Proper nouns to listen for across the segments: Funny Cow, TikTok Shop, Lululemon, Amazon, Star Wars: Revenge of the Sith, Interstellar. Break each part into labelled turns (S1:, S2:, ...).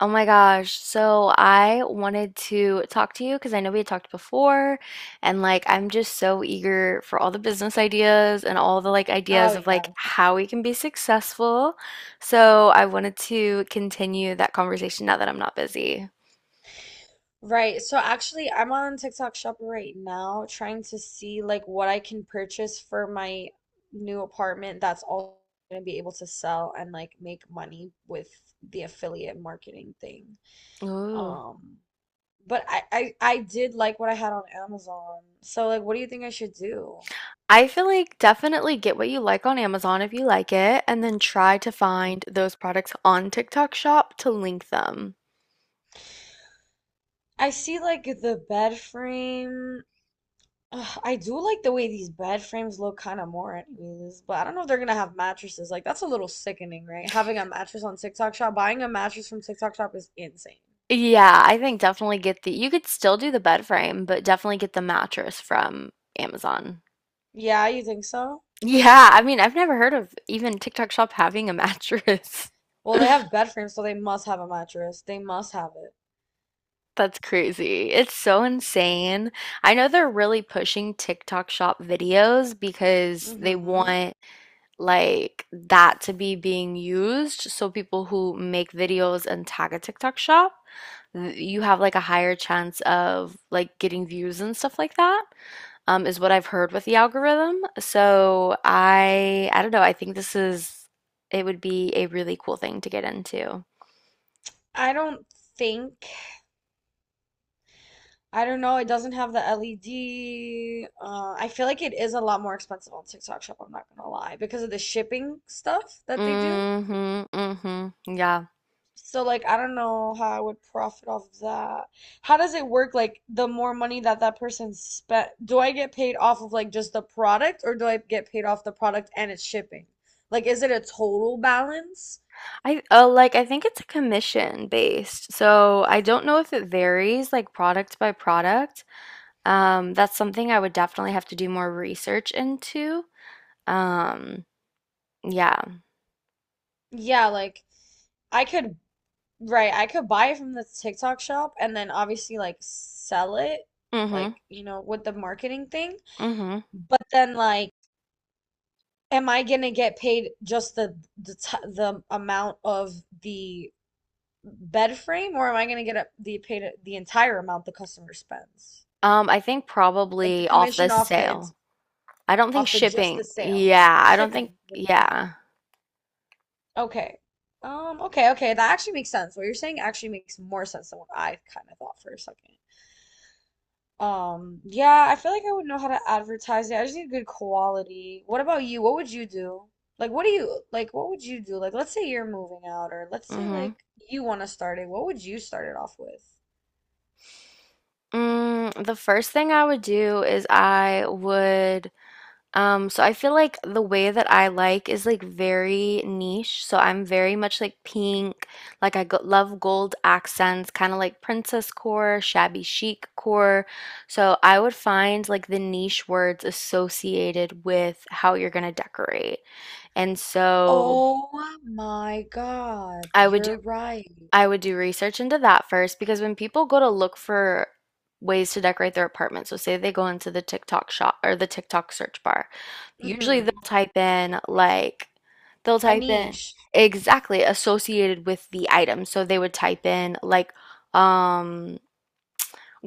S1: Oh my gosh. So I wanted to talk to you because I know we had talked before, and I'm just so eager for all the business ideas and all the
S2: Oh
S1: ideas of
S2: yeah.
S1: how we can be successful. So I wanted to continue that conversation now that I'm not busy.
S2: Right. So actually I'm on TikTok Shop right now trying to see like what I can purchase for my new apartment that's all gonna be able to sell and like make money with the affiliate marketing thing.
S1: Ooh.
S2: Um but I did like what I had on Amazon. So like what do you think I should do?
S1: I feel like definitely get what you like on Amazon if you like it, and then try to
S2: Mm.
S1: find those products on TikTok Shop to link them.
S2: I see like the bed frame. Ugh, I do like the way these bed frames look kind of more anyways, but I don't know if they're gonna have mattresses. Like that's a little sickening, right? Having a mattress on TikTok Shop, buying a mattress from TikTok Shop is insane.
S1: Yeah, I think definitely get the you could still do the bed frame, but definitely get the mattress from Amazon.
S2: Yeah, you think so?
S1: Yeah, I mean, I've never heard of even TikTok Shop having a mattress.
S2: Well, they have bed frames, so they must have a mattress. They must have it.
S1: That's crazy. It's so insane. I know they're really pushing TikTok Shop videos because they
S2: Mm-hmm.
S1: want like that to be being used. So people who make videos and tag a TikTok shop, you have like a higher chance of like getting views and stuff like that, is what I've heard with the algorithm. So I don't know, I think this is it would be a really cool thing to get into.
S2: I don't think. I don't know. It doesn't have the LED. I feel like it is a lot more expensive on TikTok Shop, I'm not gonna lie, because of the shipping stuff that they do.
S1: Mm-hmm, mm-hmm. Yeah.
S2: So like I don't know how I would profit off that. How does it work? Like the more money that that person spent, do I get paid off of like just the product or do I get paid off the product and its shipping? Like is it a total balance?
S1: I like I think it's a commission based. So I don't know if it varies like product by product. That's something I would definitely have to do more research into. Um, yeah.
S2: Yeah, like I could, right, I could buy it from the TikTok shop and then obviously like sell it
S1: Mm-hmm.
S2: like, with the marketing thing.
S1: Mm-hmm.
S2: But then like am I gonna get paid just the amount of the bed frame, or am I gonna get a, the paid the entire amount the customer spends?
S1: I think
S2: Like the
S1: probably off the
S2: commission off the
S1: sale.
S2: ins-
S1: I don't think
S2: off the just the
S1: shipping.
S2: sale.
S1: Yeah, I don't think.
S2: Shipping wouldn't count.
S1: Yeah.
S2: Okay. Okay, okay. That actually makes sense. What you're saying actually makes more sense than what I kind of thought for a second. Yeah, I feel like I would know how to advertise it. I just need good quality. What about you? What would you do? Like, what do you like? What would you do? Like, let's say you're moving out, or let's say
S1: Mm-hmm.
S2: like you want to start it. What would you start it off with?
S1: Mm, the first thing I would do is I would so I feel like the way that I like is like very niche. So I'm very much like pink. Like I go love gold accents, kind of like princess core, shabby chic core. So I would find like the niche words associated with how you're gonna decorate. And so
S2: Oh my God,
S1: I would do
S2: you're right.
S1: I would do research into that first because when people go to look for ways to decorate their apartment, so say they go into the TikTok shop or the TikTok search bar, usually they'll
S2: Mm-hmm.
S1: type in like they'll type in
S2: Anish.
S1: exactly associated with the item. So they would type in like um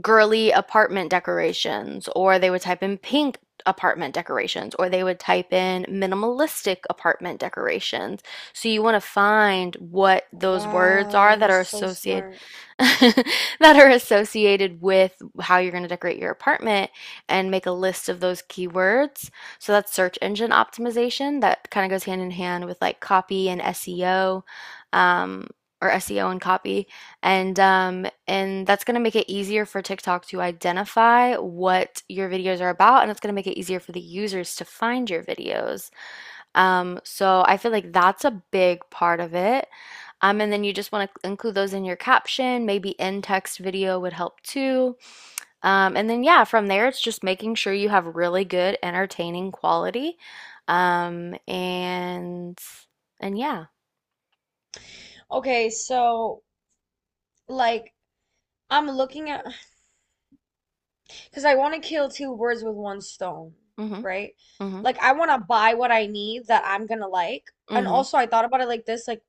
S1: girly apartment decorations, or they would type in pink apartment decorations, or they would type in minimalistic apartment decorations. So you want to find what those words
S2: Wow,
S1: are that
S2: you're
S1: are
S2: so
S1: associated
S2: smart.
S1: that are associated with how you're going to decorate your apartment and make a list of those keywords. So that's search engine optimization that kind of goes hand in hand with like copy and SEO um, or SEO and copy. And that's going to make it easier for TikTok to identify what your videos are about and it's going to make it easier for the users to find your videos. So I feel like that's a big part of it. And then you just want to include those in your caption. Maybe in text video would help too. And then, yeah, from there, it's just making sure you have really good, entertaining quality. Um, and, and yeah.
S2: Okay, so like I'm looking at because I want to kill two birds with one stone,
S1: Mm-hmm.
S2: right?
S1: Mm-hmm.
S2: Like I want to buy what I need that I'm gonna like. And
S1: Mm-hmm.
S2: also I thought about it like this, like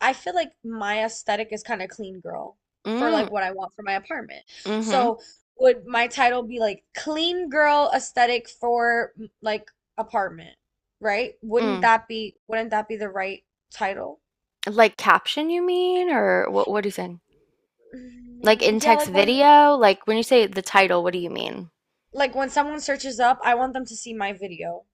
S2: I feel like my aesthetic is kind of clean girl for like
S1: Mm,
S2: what I want for my apartment.
S1: mm-hmm.
S2: So would my title be like clean girl aesthetic for m- like apartment, right? Wouldn't
S1: Mm.
S2: that be wouldn't that be the right title?
S1: Like caption, you mean? Or what are you saying? Like
S2: Mm,
S1: in
S2: yeah,
S1: text video? Like when you say the title, what do you mean?
S2: like when someone searches up, I want them to see my video.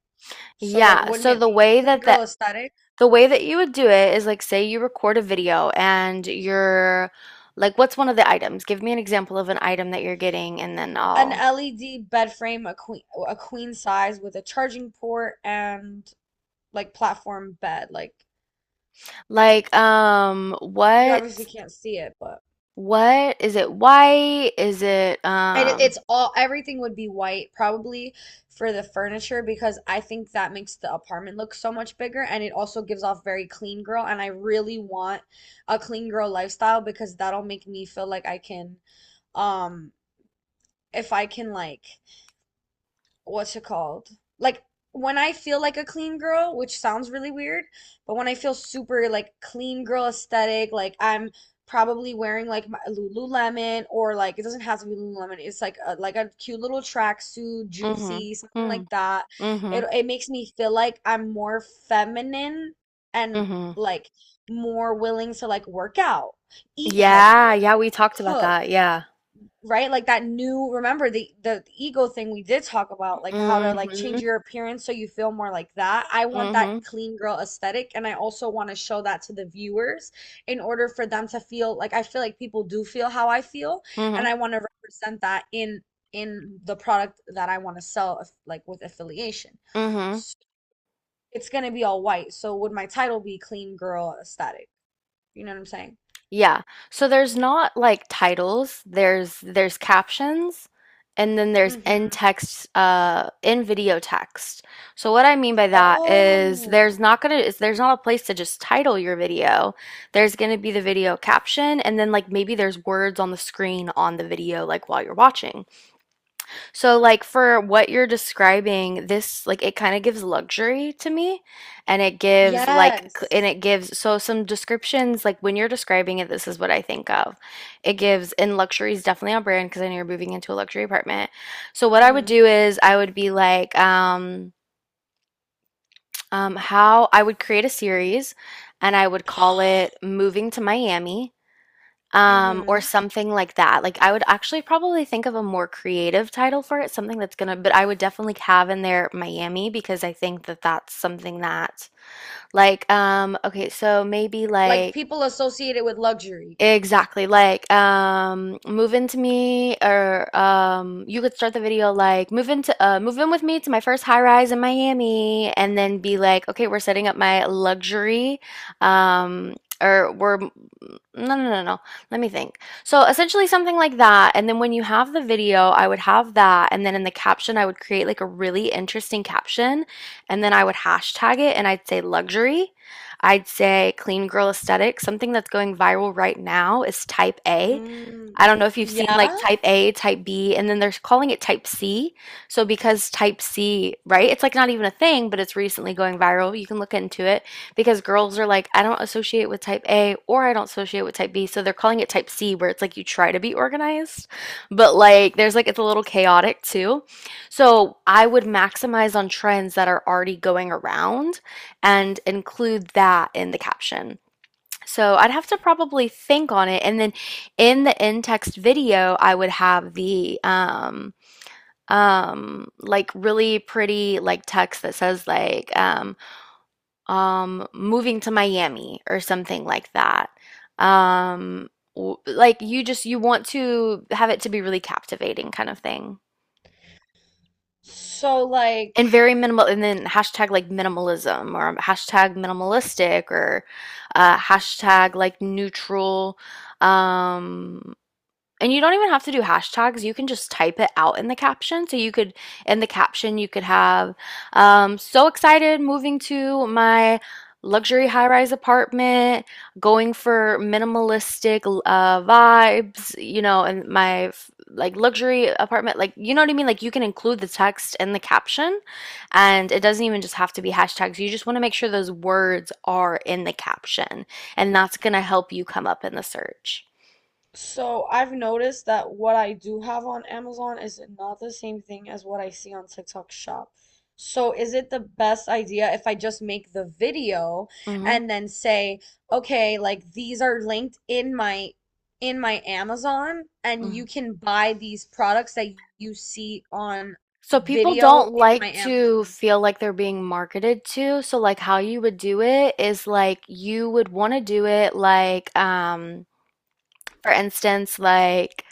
S2: So like
S1: Yeah,
S2: wouldn't
S1: so
S2: it
S1: the
S2: be
S1: way
S2: clean
S1: that
S2: girl aesthetic?
S1: the way that you would do it is like, say you record a video and you're like, what's one of the items? Give me an example of an item that you're getting, and then
S2: An
S1: I'll
S2: LED bed frame, a queen, a queen size with a charging port and like platform bed, like
S1: like,
S2: you obviously can't see it, but
S1: what is it? White? Is it,
S2: it, it's all everything would be white probably for the furniture because I think that makes the apartment look so much bigger and it also gives off very clean girl and I really want a clean girl lifestyle because that'll make me feel like I can, um if I can like, what's it called? Like when I feel like a clean girl, which sounds really weird, but when I feel super like clean girl aesthetic, like I'm probably wearing like my Lululemon or like it doesn't have to be Lululemon. It's like a cute little tracksuit,
S1: mm-hmm,
S2: juicy, something
S1: mm-hmm,
S2: like that.
S1: mm-hmm,
S2: It makes me feel like I'm more feminine and
S1: mm-hmm.
S2: like more willing to like work out, eat
S1: Yeah,
S2: healthier,
S1: yeah, we talked about
S2: cook
S1: that. Yeah.
S2: right like that new, remember the ego thing we did talk about, like how to like
S1: Mm-hmm,
S2: change your appearance so you feel more like that. I want that
S1: mm-hmm,
S2: clean girl aesthetic and I also want to show that to the viewers in order for them to feel like I feel, like people do feel how I feel,
S1: mm-hmm,
S2: and I want to represent that in the product that I want to sell, like with affiliation.
S1: mm-hmm.
S2: So it's going to be all white. So would my title be clean girl aesthetic, you know what I'm saying?
S1: Yeah. So there's not like titles, there's captions, and then there's in
S2: Hmm.
S1: text in video text. So what I mean by that is
S2: Oh
S1: there's not a place to just title your video. There's gonna be the video caption and then like maybe there's words on the screen on the video like while you're watching. So, like, for what you're describing, this, like, it kind of gives luxury to me. And
S2: yes.
S1: it gives, so some descriptions, like, when you're describing it, this is what I think of. It gives, and luxury is definitely on brand because I know you're moving into a luxury apartment. So, what I would
S2: Hmm.
S1: do is I would be like, how I would create a series and I would call it Moving to Miami. Or
S2: hmm
S1: something like that. Like I would actually probably think of a more creative title for it, something that's gonna, but I would definitely have in there Miami because I think that that's something that like okay, so maybe
S2: Like
S1: like
S2: people associate it with luxury.
S1: Exactly. Like, move into me, or you could start the video like, move into, move in with me to my first high rise in Miami, and then be like, okay, we're setting up my luxury, um, or we're, no, no, no, no. Let me think. So essentially something like that. And then when you have the video, I would have that, and then in the caption, I would create like a really interesting caption, and then I would hashtag it, and I'd say luxury. I'd say clean girl aesthetic. Something that's going viral right now is type A.
S2: Mm,
S1: I don't know if you've seen like
S2: yeah.
S1: type A, type B, and then they're calling it type C. So because type C, right? It's like not even a thing, but it's recently going viral. You can look into it because girls are like, I don't associate with type A or I don't associate with type B. So they're calling it type C, where it's like you try to be organized, but like there's like it's a little chaotic too. So I would maximize on trends that are already going around and include that in the caption. So I'd have to probably think on it. And then in the in-text video, I would have the like really pretty like text that says like moving to Miami or something like that. Um like you just you want to have it to be really captivating kind of thing.
S2: So like,
S1: And very minimal and then hashtag like minimalism or hashtag minimalistic or hashtag like neutral um and you don't even have to do hashtags. You can just type it out in the caption. So you could, in the caption, you could have, so excited moving to my luxury high rise apartment, going for minimalistic vibes, you know, and my like luxury apartment. Like, you know what I mean? Like, you can include the text in the caption and it doesn't even just have to be hashtags. You just want to make sure those words are in the caption and that's going to help you come up in the search.
S2: so I've noticed that what I do have on Amazon is not the same thing as what I see on TikTok Shop. So is it the best idea if I just make the video
S1: Mm-hmm.
S2: and then say, okay, like these are linked in my, in my Amazon, and
S1: Mm-hmm.
S2: you can buy these products that you see on
S1: So people
S2: video
S1: don't
S2: in
S1: like
S2: my
S1: to
S2: Amazon?
S1: feel like they're being marketed to. So like how you would do it is like you would want to do it like for instance like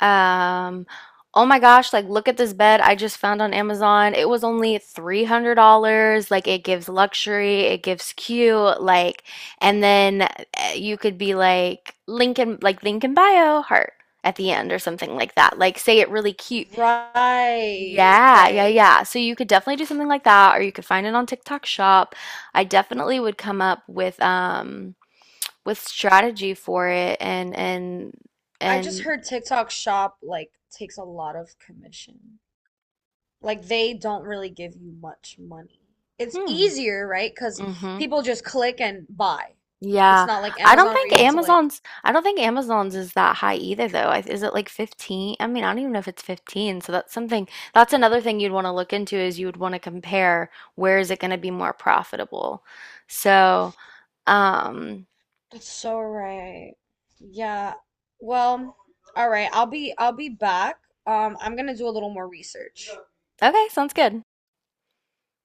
S1: um oh my gosh like look at this bed I just found on Amazon. It was only $300. Like it gives luxury, it gives cute like and then you could be like link in bio heart at the end or something like that. Like say it really cute
S2: Right,
S1: yeah, yeah,
S2: right.
S1: yeah. So you could definitely do something like that, or you could find it on TikTok Shop. I definitely would come up with strategy for it and and
S2: I just
S1: and
S2: heard TikTok Shop like takes a lot of commission. Like they don't really give you much money. It's
S1: hmm.
S2: easier, right? Because
S1: Mm-hmm.
S2: people just click and buy. It's
S1: Yeah.
S2: not like Amazon where you have to like.
S1: I don't think Amazon's is that high either though. I, is it like 15? I mean, I don't even know if it's 15. So that's something that's another thing you'd want to look into is you would want to compare where is it going to be more profitable. So, um
S2: That's so right. Yeah. Well, all right. I'll be back. I'm gonna do a little more research.
S1: okay, sounds good.